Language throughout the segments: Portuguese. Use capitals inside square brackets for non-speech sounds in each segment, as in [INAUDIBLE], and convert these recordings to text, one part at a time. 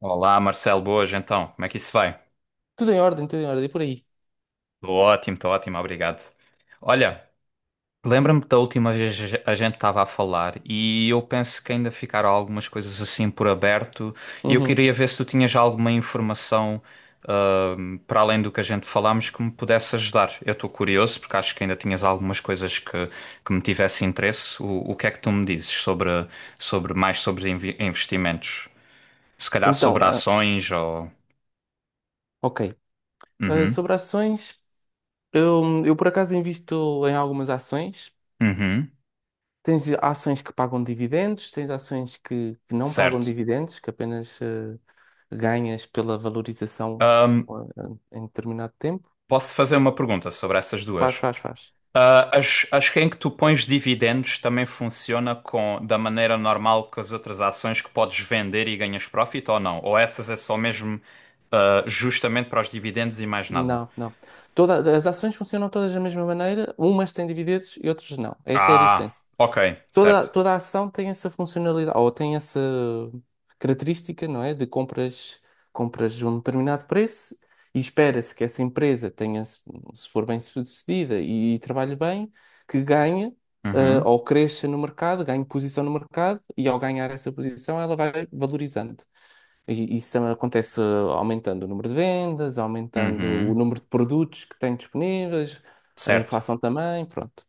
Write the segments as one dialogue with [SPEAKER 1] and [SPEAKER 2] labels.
[SPEAKER 1] Olá, Marcelo, boas então. Como é que isso vai?
[SPEAKER 2] Tudo em ordem, por aí.
[SPEAKER 1] Tô ótimo, estou ótimo, obrigado. Olha, lembra-me da última vez a gente estava a falar e eu penso que ainda ficaram algumas coisas assim por aberto, e eu
[SPEAKER 2] Uhum.
[SPEAKER 1] queria ver se tu tinhas alguma informação para além do que a gente falámos que me pudesse ajudar. Eu estou curioso porque acho que ainda tinhas algumas coisas que me tivesse interesse. O que é que tu me dizes sobre mais sobre investimentos? Se calhar
[SPEAKER 2] Então,
[SPEAKER 1] sobre ações ou...
[SPEAKER 2] ok. Ah,
[SPEAKER 1] Uhum,
[SPEAKER 2] sobre ações, eu por acaso invisto em algumas ações.
[SPEAKER 1] uhum.
[SPEAKER 2] Tens ações que pagam dividendos, tens ações que não pagam
[SPEAKER 1] Certo.
[SPEAKER 2] dividendos, que apenas ganhas pela valorização
[SPEAKER 1] Ahm,
[SPEAKER 2] ah, em determinado tempo.
[SPEAKER 1] Posso fazer uma pergunta sobre essas
[SPEAKER 2] Faz,
[SPEAKER 1] duas?
[SPEAKER 2] faz, faz.
[SPEAKER 1] Ah, as que em que tu pões dividendos também funciona com da maneira normal que as outras ações que podes vender e ganhas profit ou não? Ou essas é só mesmo justamente para os dividendos e mais nada?
[SPEAKER 2] Não, não. As ações funcionam todas da mesma maneira, umas têm dividendos e outras não. Essa é a
[SPEAKER 1] Ah,
[SPEAKER 2] diferença.
[SPEAKER 1] ok,
[SPEAKER 2] toda,
[SPEAKER 1] certo.
[SPEAKER 2] toda a ação tem essa funcionalidade, ou tem essa característica, não é? De compras de um determinado preço e espera-se que essa empresa tenha, se for bem sucedida e, trabalhe bem, que ganhe,
[SPEAKER 1] Uhum,
[SPEAKER 2] ou cresça no mercado, ganhe posição no mercado e ao ganhar essa posição ela vai valorizando. E isso acontece aumentando o número de vendas, aumentando o
[SPEAKER 1] uhum,
[SPEAKER 2] número de produtos que tem disponíveis, a
[SPEAKER 1] certo.
[SPEAKER 2] inflação também, pronto.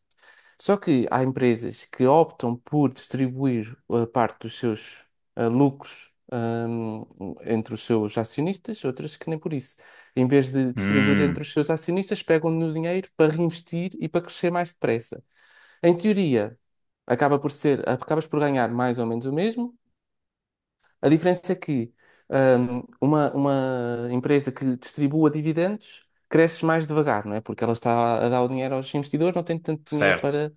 [SPEAKER 2] Só que há empresas que optam por distribuir a parte dos seus lucros entre os seus acionistas, outras que nem por isso. Em vez de distribuir entre
[SPEAKER 1] Hum,
[SPEAKER 2] os seus acionistas, pegam no dinheiro para reinvestir e para crescer mais depressa. Em teoria, acaba por ser, acabas por ganhar mais ou menos o mesmo. A diferença é que uma empresa que distribua dividendos cresce mais devagar, não é? Porque ela está a dar o dinheiro aos investidores, não tem tanto dinheiro
[SPEAKER 1] certo.
[SPEAKER 2] para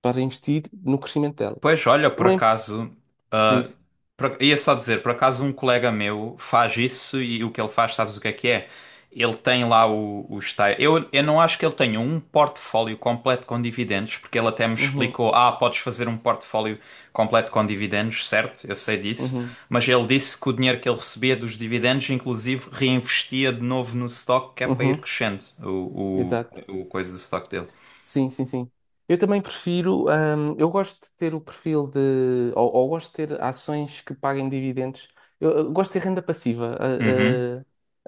[SPEAKER 2] para investir no crescimento dela.
[SPEAKER 1] Pois, olha, por
[SPEAKER 2] Uma empresa
[SPEAKER 1] acaso, ah,
[SPEAKER 2] diz.
[SPEAKER 1] ia só dizer, por acaso um colega meu faz isso e o que ele faz, sabes o que é que é? Ele tem lá. Eu não acho que ele tenha um portfólio completo com dividendos, porque ele até me
[SPEAKER 2] Uhum,
[SPEAKER 1] explicou, podes fazer um portfólio completo com dividendos, certo? Eu sei disso,
[SPEAKER 2] uhum,
[SPEAKER 1] mas ele disse que o dinheiro que ele recebia dos dividendos, inclusive, reinvestia de novo no stock, que é para ir
[SPEAKER 2] uhum,
[SPEAKER 1] crescendo o,
[SPEAKER 2] exato.
[SPEAKER 1] o, o coisa do stock dele.
[SPEAKER 2] Sim, sim, sim. Eu também prefiro, eu gosto de ter o perfil de, ou gosto de ter ações que paguem dividendos. Eu gosto de ter renda passiva
[SPEAKER 1] Uhum.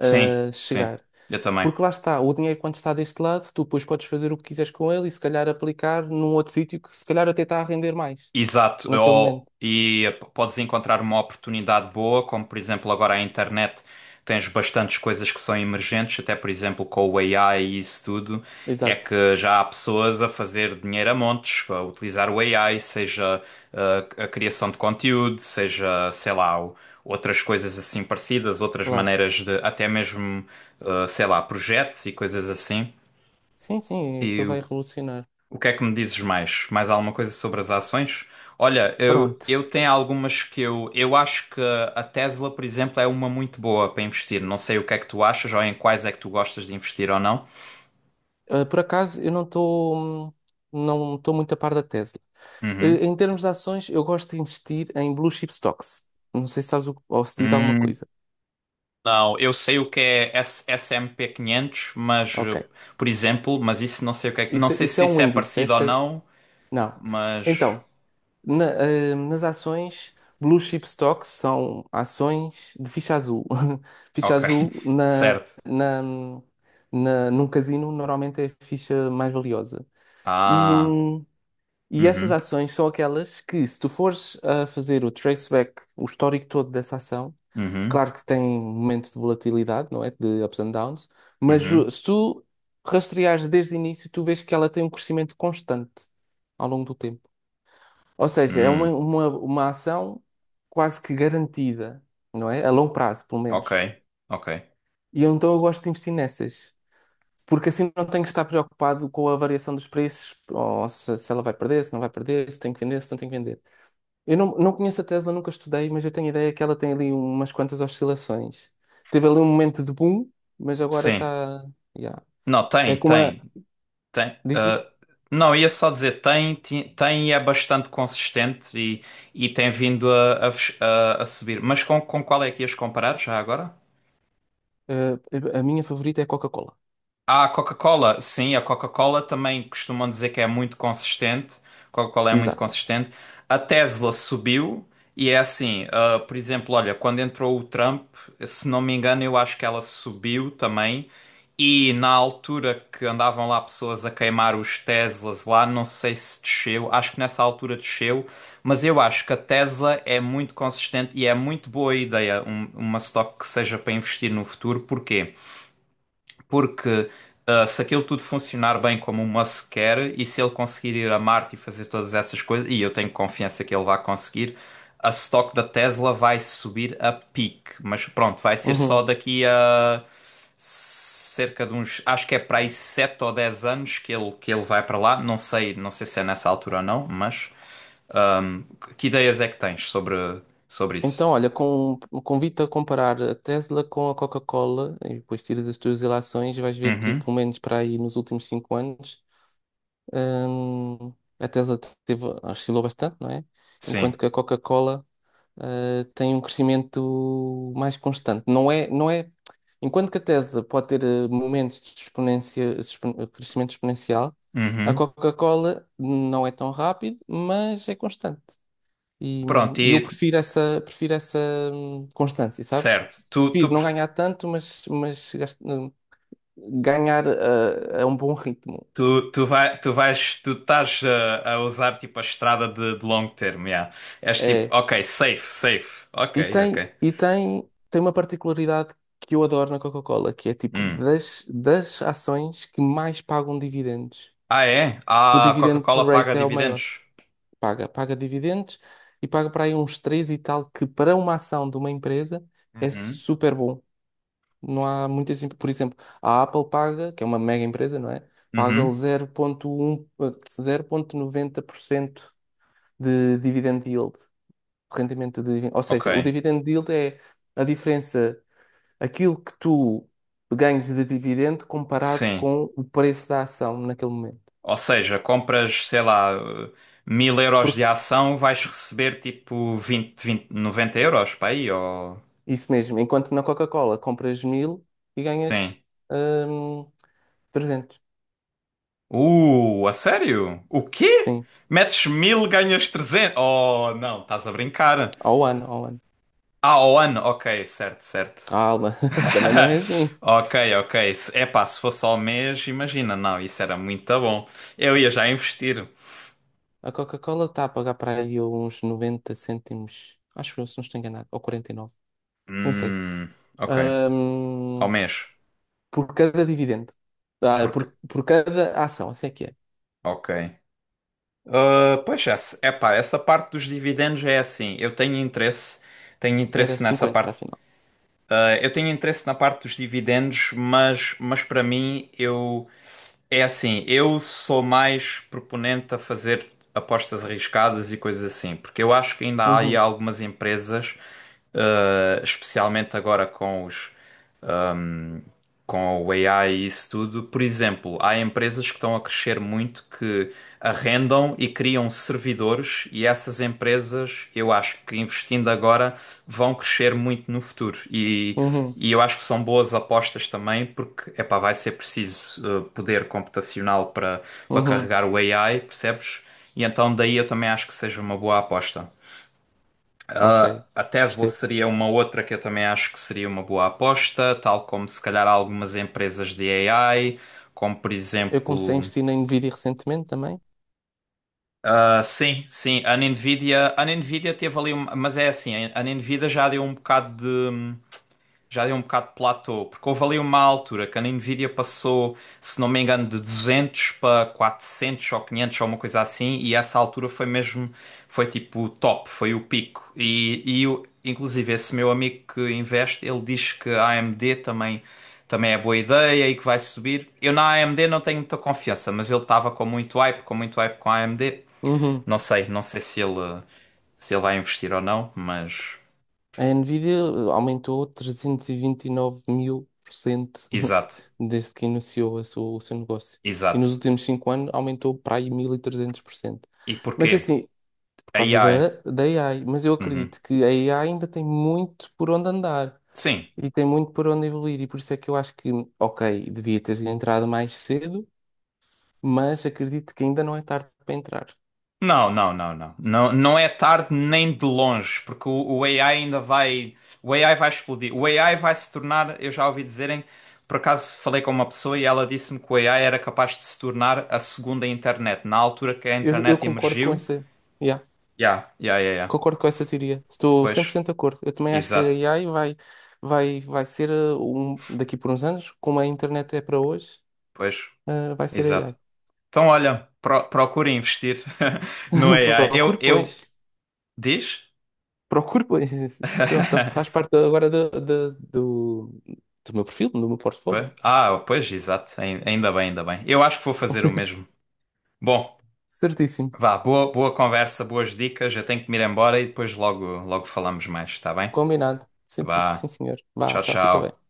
[SPEAKER 1] Sim,
[SPEAKER 2] a
[SPEAKER 1] sim,
[SPEAKER 2] chegar.
[SPEAKER 1] eu também.
[SPEAKER 2] Porque lá está, o dinheiro quando está deste lado, tu depois podes fazer o que quiseres com ele e se calhar aplicar num outro sítio que se calhar até está a render mais
[SPEAKER 1] Exato,
[SPEAKER 2] naquele momento.
[SPEAKER 1] ou, e podes encontrar uma oportunidade boa, como por exemplo agora a internet tens bastantes coisas que são emergentes, até por exemplo com o AI e isso tudo, é
[SPEAKER 2] Exato,
[SPEAKER 1] que já há pessoas a fazer dinheiro a montes, a utilizar o AI, seja a criação de conteúdo, seja, sei lá, outras coisas assim parecidas, outras
[SPEAKER 2] claro.
[SPEAKER 1] maneiras de, até mesmo, sei lá, projetos e coisas assim.
[SPEAKER 2] Sim, sim,
[SPEAKER 1] E
[SPEAKER 2] aquilo
[SPEAKER 1] o
[SPEAKER 2] vai revolucionar.
[SPEAKER 1] o que é que me dizes mais? Mais alguma coisa sobre as ações? Olha, eu,
[SPEAKER 2] Pronto.
[SPEAKER 1] eu tenho algumas que eu acho que a Tesla, por exemplo, é uma muito boa para investir. Não sei o que é que tu achas ou em quais é que tu gostas de investir ou não.
[SPEAKER 2] Ah, por acaso, eu não estou muito a par da Tesla.
[SPEAKER 1] Uhum.
[SPEAKER 2] Em termos de ações, eu gosto de investir em blue chip stocks. Não sei se sabes o, ou se diz alguma
[SPEAKER 1] Hum,
[SPEAKER 2] coisa.
[SPEAKER 1] não, eu sei o que é S&P 500, mas,
[SPEAKER 2] Ok.
[SPEAKER 1] por exemplo, mas isso não sei o que é, não
[SPEAKER 2] Isso,
[SPEAKER 1] sei
[SPEAKER 2] isso
[SPEAKER 1] se
[SPEAKER 2] é um
[SPEAKER 1] isso é
[SPEAKER 2] índice.
[SPEAKER 1] parecido ou
[SPEAKER 2] Essa, é,
[SPEAKER 1] não,
[SPEAKER 2] não.
[SPEAKER 1] mas
[SPEAKER 2] Então, na- nas ações, blue chip stocks são ações de ficha azul. [LAUGHS] Ficha
[SPEAKER 1] ok,
[SPEAKER 2] azul
[SPEAKER 1] [LAUGHS] certo.
[SPEAKER 2] num casino normalmente é a ficha mais valiosa. E,
[SPEAKER 1] Ah,
[SPEAKER 2] hum, E essas
[SPEAKER 1] uhum,
[SPEAKER 2] ações são aquelas que, se tu fores a fazer o traceback, o histórico todo dessa ação,
[SPEAKER 1] uhum,
[SPEAKER 2] claro que tem momentos de volatilidade, não é? De ups and downs, mas o-
[SPEAKER 1] uhum,
[SPEAKER 2] se tu rastreares desde o início, tu vês que ela tem um crescimento constante ao longo do tempo. Ou seja, é uma,
[SPEAKER 1] hum,
[SPEAKER 2] uma ação quase que garantida, não é? A longo prazo, pelo
[SPEAKER 1] ok,
[SPEAKER 2] menos.
[SPEAKER 1] ok.
[SPEAKER 2] E eu, então eu gosto de investir nessas. Porque assim não tenho que estar preocupado com a variação dos preços, ou se ela vai perder, se não vai perder, se tem que vender, se não tem que vender. Eu não, não conheço a Tesla, nunca estudei, mas eu tenho a ideia que ela tem ali umas quantas oscilações. Teve ali um momento de boom, mas agora
[SPEAKER 1] Sim.
[SPEAKER 2] está. Yeah.
[SPEAKER 1] Não,
[SPEAKER 2] É
[SPEAKER 1] tem,
[SPEAKER 2] como a.
[SPEAKER 1] tem, tem.
[SPEAKER 2] Diz isso?
[SPEAKER 1] Não, ia só dizer tem, tem, e é bastante consistente e tem vindo a subir. Mas com qual é que ias comparar já agora?
[SPEAKER 2] Eh, a minha favorita é a Coca-Cola.
[SPEAKER 1] A Coca-Cola, sim, a Coca-Cola também costumam dizer que é muito consistente. Coca-Cola é muito
[SPEAKER 2] Exato.
[SPEAKER 1] consistente. A Tesla subiu e é assim, ah, por exemplo, olha, quando entrou o Trump, se não me engano, eu acho que ela subiu também. E na altura que andavam lá pessoas a queimar os Teslas lá, não sei se desceu, acho que nessa altura desceu, mas eu acho que a Tesla é muito consistente e é muito boa ideia uma stock que seja para investir no futuro. Porquê? Porque se aquilo tudo funcionar bem como o Musk quer e se ele conseguir ir a Marte e fazer todas essas coisas, e eu tenho confiança que ele vai conseguir, a stock da Tesla vai subir a pique. Mas pronto, vai ser só
[SPEAKER 2] Uhum.
[SPEAKER 1] daqui a cerca de uns, acho que é para aí 7 ou 10 anos que ele, vai para lá. Não sei, não sei se é nessa altura ou não, mas ahm, que ideias é que tens sobre isso?
[SPEAKER 2] Então, olha, com, convido-te a comparar a Tesla com a Coca-Cola e depois tiras as tuas relações, e vais ver que,
[SPEAKER 1] Uhum,
[SPEAKER 2] pelo menos para aí nos últimos 5 anos, Hum, a Tesla teve, oscilou bastante, não é? Enquanto
[SPEAKER 1] sim.
[SPEAKER 2] que a Coca-Cola, tem um crescimento mais constante. Não é, não é, enquanto que a Tesla pode ter momentos de exponência, expon- crescimento exponencial, a
[SPEAKER 1] Uhum.
[SPEAKER 2] Coca-Cola não é tão rápido, mas é constante. E,
[SPEAKER 1] Pronto,
[SPEAKER 2] e eu
[SPEAKER 1] e
[SPEAKER 2] prefiro essa constância, sabes?
[SPEAKER 1] certo. Tu, tu
[SPEAKER 2] Prefiro não ganhar tanto, mas ganhar a um bom ritmo.
[SPEAKER 1] Tu, tu, vai, tu vais, tu estás a usar tipo a estrada de longo termo, yeah. És tipo,
[SPEAKER 2] É.
[SPEAKER 1] ok, safe, safe. Ok,
[SPEAKER 2] E tem,
[SPEAKER 1] ok.
[SPEAKER 2] e tem, tem uma particularidade que eu adoro na Coca-Cola, que é tipo
[SPEAKER 1] Hum.
[SPEAKER 2] das ações que mais pagam dividendos.
[SPEAKER 1] Ah, é?
[SPEAKER 2] O
[SPEAKER 1] Ah, a
[SPEAKER 2] dividend
[SPEAKER 1] Coca-Cola paga
[SPEAKER 2] rate é o maior.
[SPEAKER 1] dividendos.
[SPEAKER 2] Paga dividendos e paga para aí uns 3 e tal, que para uma ação de uma empresa é
[SPEAKER 1] Uhum.
[SPEAKER 2] super bom. Não há muito assim. Por exemplo, a Apple paga, que é uma mega empresa, não é? Paga
[SPEAKER 1] Uhum.
[SPEAKER 2] 0.1, 0,90% de dividend yield, rendimento de dividend. Ou
[SPEAKER 1] Ok.
[SPEAKER 2] seja, o dividend yield é a diferença aquilo que tu ganhas de dividendo comparado
[SPEAKER 1] Sim.
[SPEAKER 2] com o preço da ação naquele momento.
[SPEAKER 1] Ou seja, compras, sei lá, uh, 1.000 euros de
[SPEAKER 2] Porque
[SPEAKER 1] ação, vais receber tipo 20, 20, 90 euros para aí, ou...
[SPEAKER 2] isso mesmo, enquanto na Coca-Cola compras mil e ganhas
[SPEAKER 1] Sim.
[SPEAKER 2] hum, 300.
[SPEAKER 1] A sério? O quê?
[SPEAKER 2] Sim,
[SPEAKER 1] Metes mil, ganhas 300? Oh, não, estás a brincar.
[SPEAKER 2] ao ano, ao ano.
[SPEAKER 1] Ah, ao ano, ok, certo, certo.
[SPEAKER 2] Calma, [LAUGHS] também não é assim.
[SPEAKER 1] [LAUGHS] Ok, ok. Epá, se fosse ao mês, imagina, não, isso era muito bom. Eu ia já investir.
[SPEAKER 2] A Coca-Cola está a pagar para aí uns 90 cêntimos, acho eu, se não estou enganado, ou 49 não sei.
[SPEAKER 1] Hum, ok, ao
[SPEAKER 2] Hum,
[SPEAKER 1] mês.
[SPEAKER 2] por cada dividendo. Ah,
[SPEAKER 1] Porque,
[SPEAKER 2] por cada ação, assim é que é.
[SPEAKER 1] ok. Ah, pois é, epá, essa parte dos dividendos é assim. Eu tenho
[SPEAKER 2] Era
[SPEAKER 1] interesse nessa
[SPEAKER 2] 50
[SPEAKER 1] parte.
[SPEAKER 2] afinal.
[SPEAKER 1] Ah, eu tenho interesse na parte dos dividendos, mas para mim, eu. É assim, eu sou mais proponente a fazer apostas arriscadas e coisas assim, porque eu acho que ainda há aí
[SPEAKER 2] Uhum,
[SPEAKER 1] algumas empresas, especialmente agora com o AI e isso tudo. Por exemplo, há empresas que estão a crescer muito que arrendam e criam servidores, e essas empresas, eu acho que investindo agora, vão crescer muito no futuro. E,
[SPEAKER 2] uhum,
[SPEAKER 1] e eu acho que são boas apostas também, porque epá, vai ser preciso poder computacional para
[SPEAKER 2] uhum.
[SPEAKER 1] carregar o AI, percebes? E então daí eu também acho que seja uma boa aposta.
[SPEAKER 2] Ok,
[SPEAKER 1] Ah, a Tesla
[SPEAKER 2] percebo.
[SPEAKER 1] seria uma outra que eu também acho que seria uma boa aposta, tal como se calhar algumas empresas de AI, como por
[SPEAKER 2] Eu comecei a
[SPEAKER 1] exemplo.
[SPEAKER 2] investir na Nvidia recentemente também.
[SPEAKER 1] Ah, sim, sim, a Nvidia teve ali, mas é assim, a Nvidia já deu um bocado de. Já deu um bocado de platô, porque houve ali uma altura que a Nvidia passou, se não me engano, de 200 para 400 ou 500 ou uma coisa assim, e essa altura foi mesmo, foi tipo o top, foi o pico. E inclusive esse meu amigo que investe, ele diz que a AMD também é boa ideia e que vai subir. Eu na AMD não tenho muita confiança, mas ele estava com muito hype, com muito hype com a AMD.
[SPEAKER 2] Uhum.
[SPEAKER 1] Não sei, não sei se ele vai investir ou não, mas...
[SPEAKER 2] A Nvidia aumentou trezentos e vinte e nove mil por cento [LAUGHS]
[SPEAKER 1] Exato,
[SPEAKER 2] desde que iniciou a sua- o seu negócio. E nos
[SPEAKER 1] exato.
[SPEAKER 2] últimos 5 anos aumentou para aí 1.300%.
[SPEAKER 1] E porquê?
[SPEAKER 2] Mas é assim, por
[SPEAKER 1] A
[SPEAKER 2] causa
[SPEAKER 1] AI.
[SPEAKER 2] da AI. Mas eu
[SPEAKER 1] Uhum.
[SPEAKER 2] acredito que a AI ainda tem muito por onde andar
[SPEAKER 1] Sim.
[SPEAKER 2] e tem muito por onde evoluir. E por isso é que eu acho que, ok, devia ter entrado mais cedo mas acredito que ainda não é tarde para entrar.
[SPEAKER 1] Não, não, não, não. Não, não é tarde nem de longe, porque o AI ainda vai. O AI vai explodir. O AI vai se tornar. Eu já ouvi dizerem. Por acaso falei com uma pessoa e ela disse-me que o AI era capaz de se tornar a segunda internet. Na altura que a
[SPEAKER 2] Eu
[SPEAKER 1] internet
[SPEAKER 2] concordo com
[SPEAKER 1] emergiu.
[SPEAKER 2] essa, yeah,
[SPEAKER 1] Ya, ya, ya, ya.
[SPEAKER 2] concordo com essa teoria. Estou cem por
[SPEAKER 1] Pois,
[SPEAKER 2] cento de acordo. Eu também acho que
[SPEAKER 1] exato.
[SPEAKER 2] a AI vai ser daqui por uns anos, como a internet é para hoje,
[SPEAKER 1] Pois,
[SPEAKER 2] vai ser a
[SPEAKER 1] exato.
[SPEAKER 2] AI.
[SPEAKER 1] Então, olha, procura investir [LAUGHS] no
[SPEAKER 2] [LAUGHS]
[SPEAKER 1] AI. Eu,
[SPEAKER 2] Procure,
[SPEAKER 1] eu.
[SPEAKER 2] pois.
[SPEAKER 1] Diz?
[SPEAKER 2] Procure, pois. Pronto, faz
[SPEAKER 1] [LAUGHS]
[SPEAKER 2] parte agora do meu perfil, do meu portfólio.
[SPEAKER 1] Ah, pois, exato. Ainda bem, ainda bem. Eu acho que vou fazer o mesmo. Bom,
[SPEAKER 2] Certíssimo.
[SPEAKER 1] vá, boa, boa conversa, boas dicas. Eu tenho que me ir embora e depois logo, logo falamos mais, está bem?
[SPEAKER 2] Combinado. Sim, sim,
[SPEAKER 1] Vá,
[SPEAKER 2] senhor. Vá,
[SPEAKER 1] tchau,
[SPEAKER 2] tchau, fica bem.
[SPEAKER 1] tchau.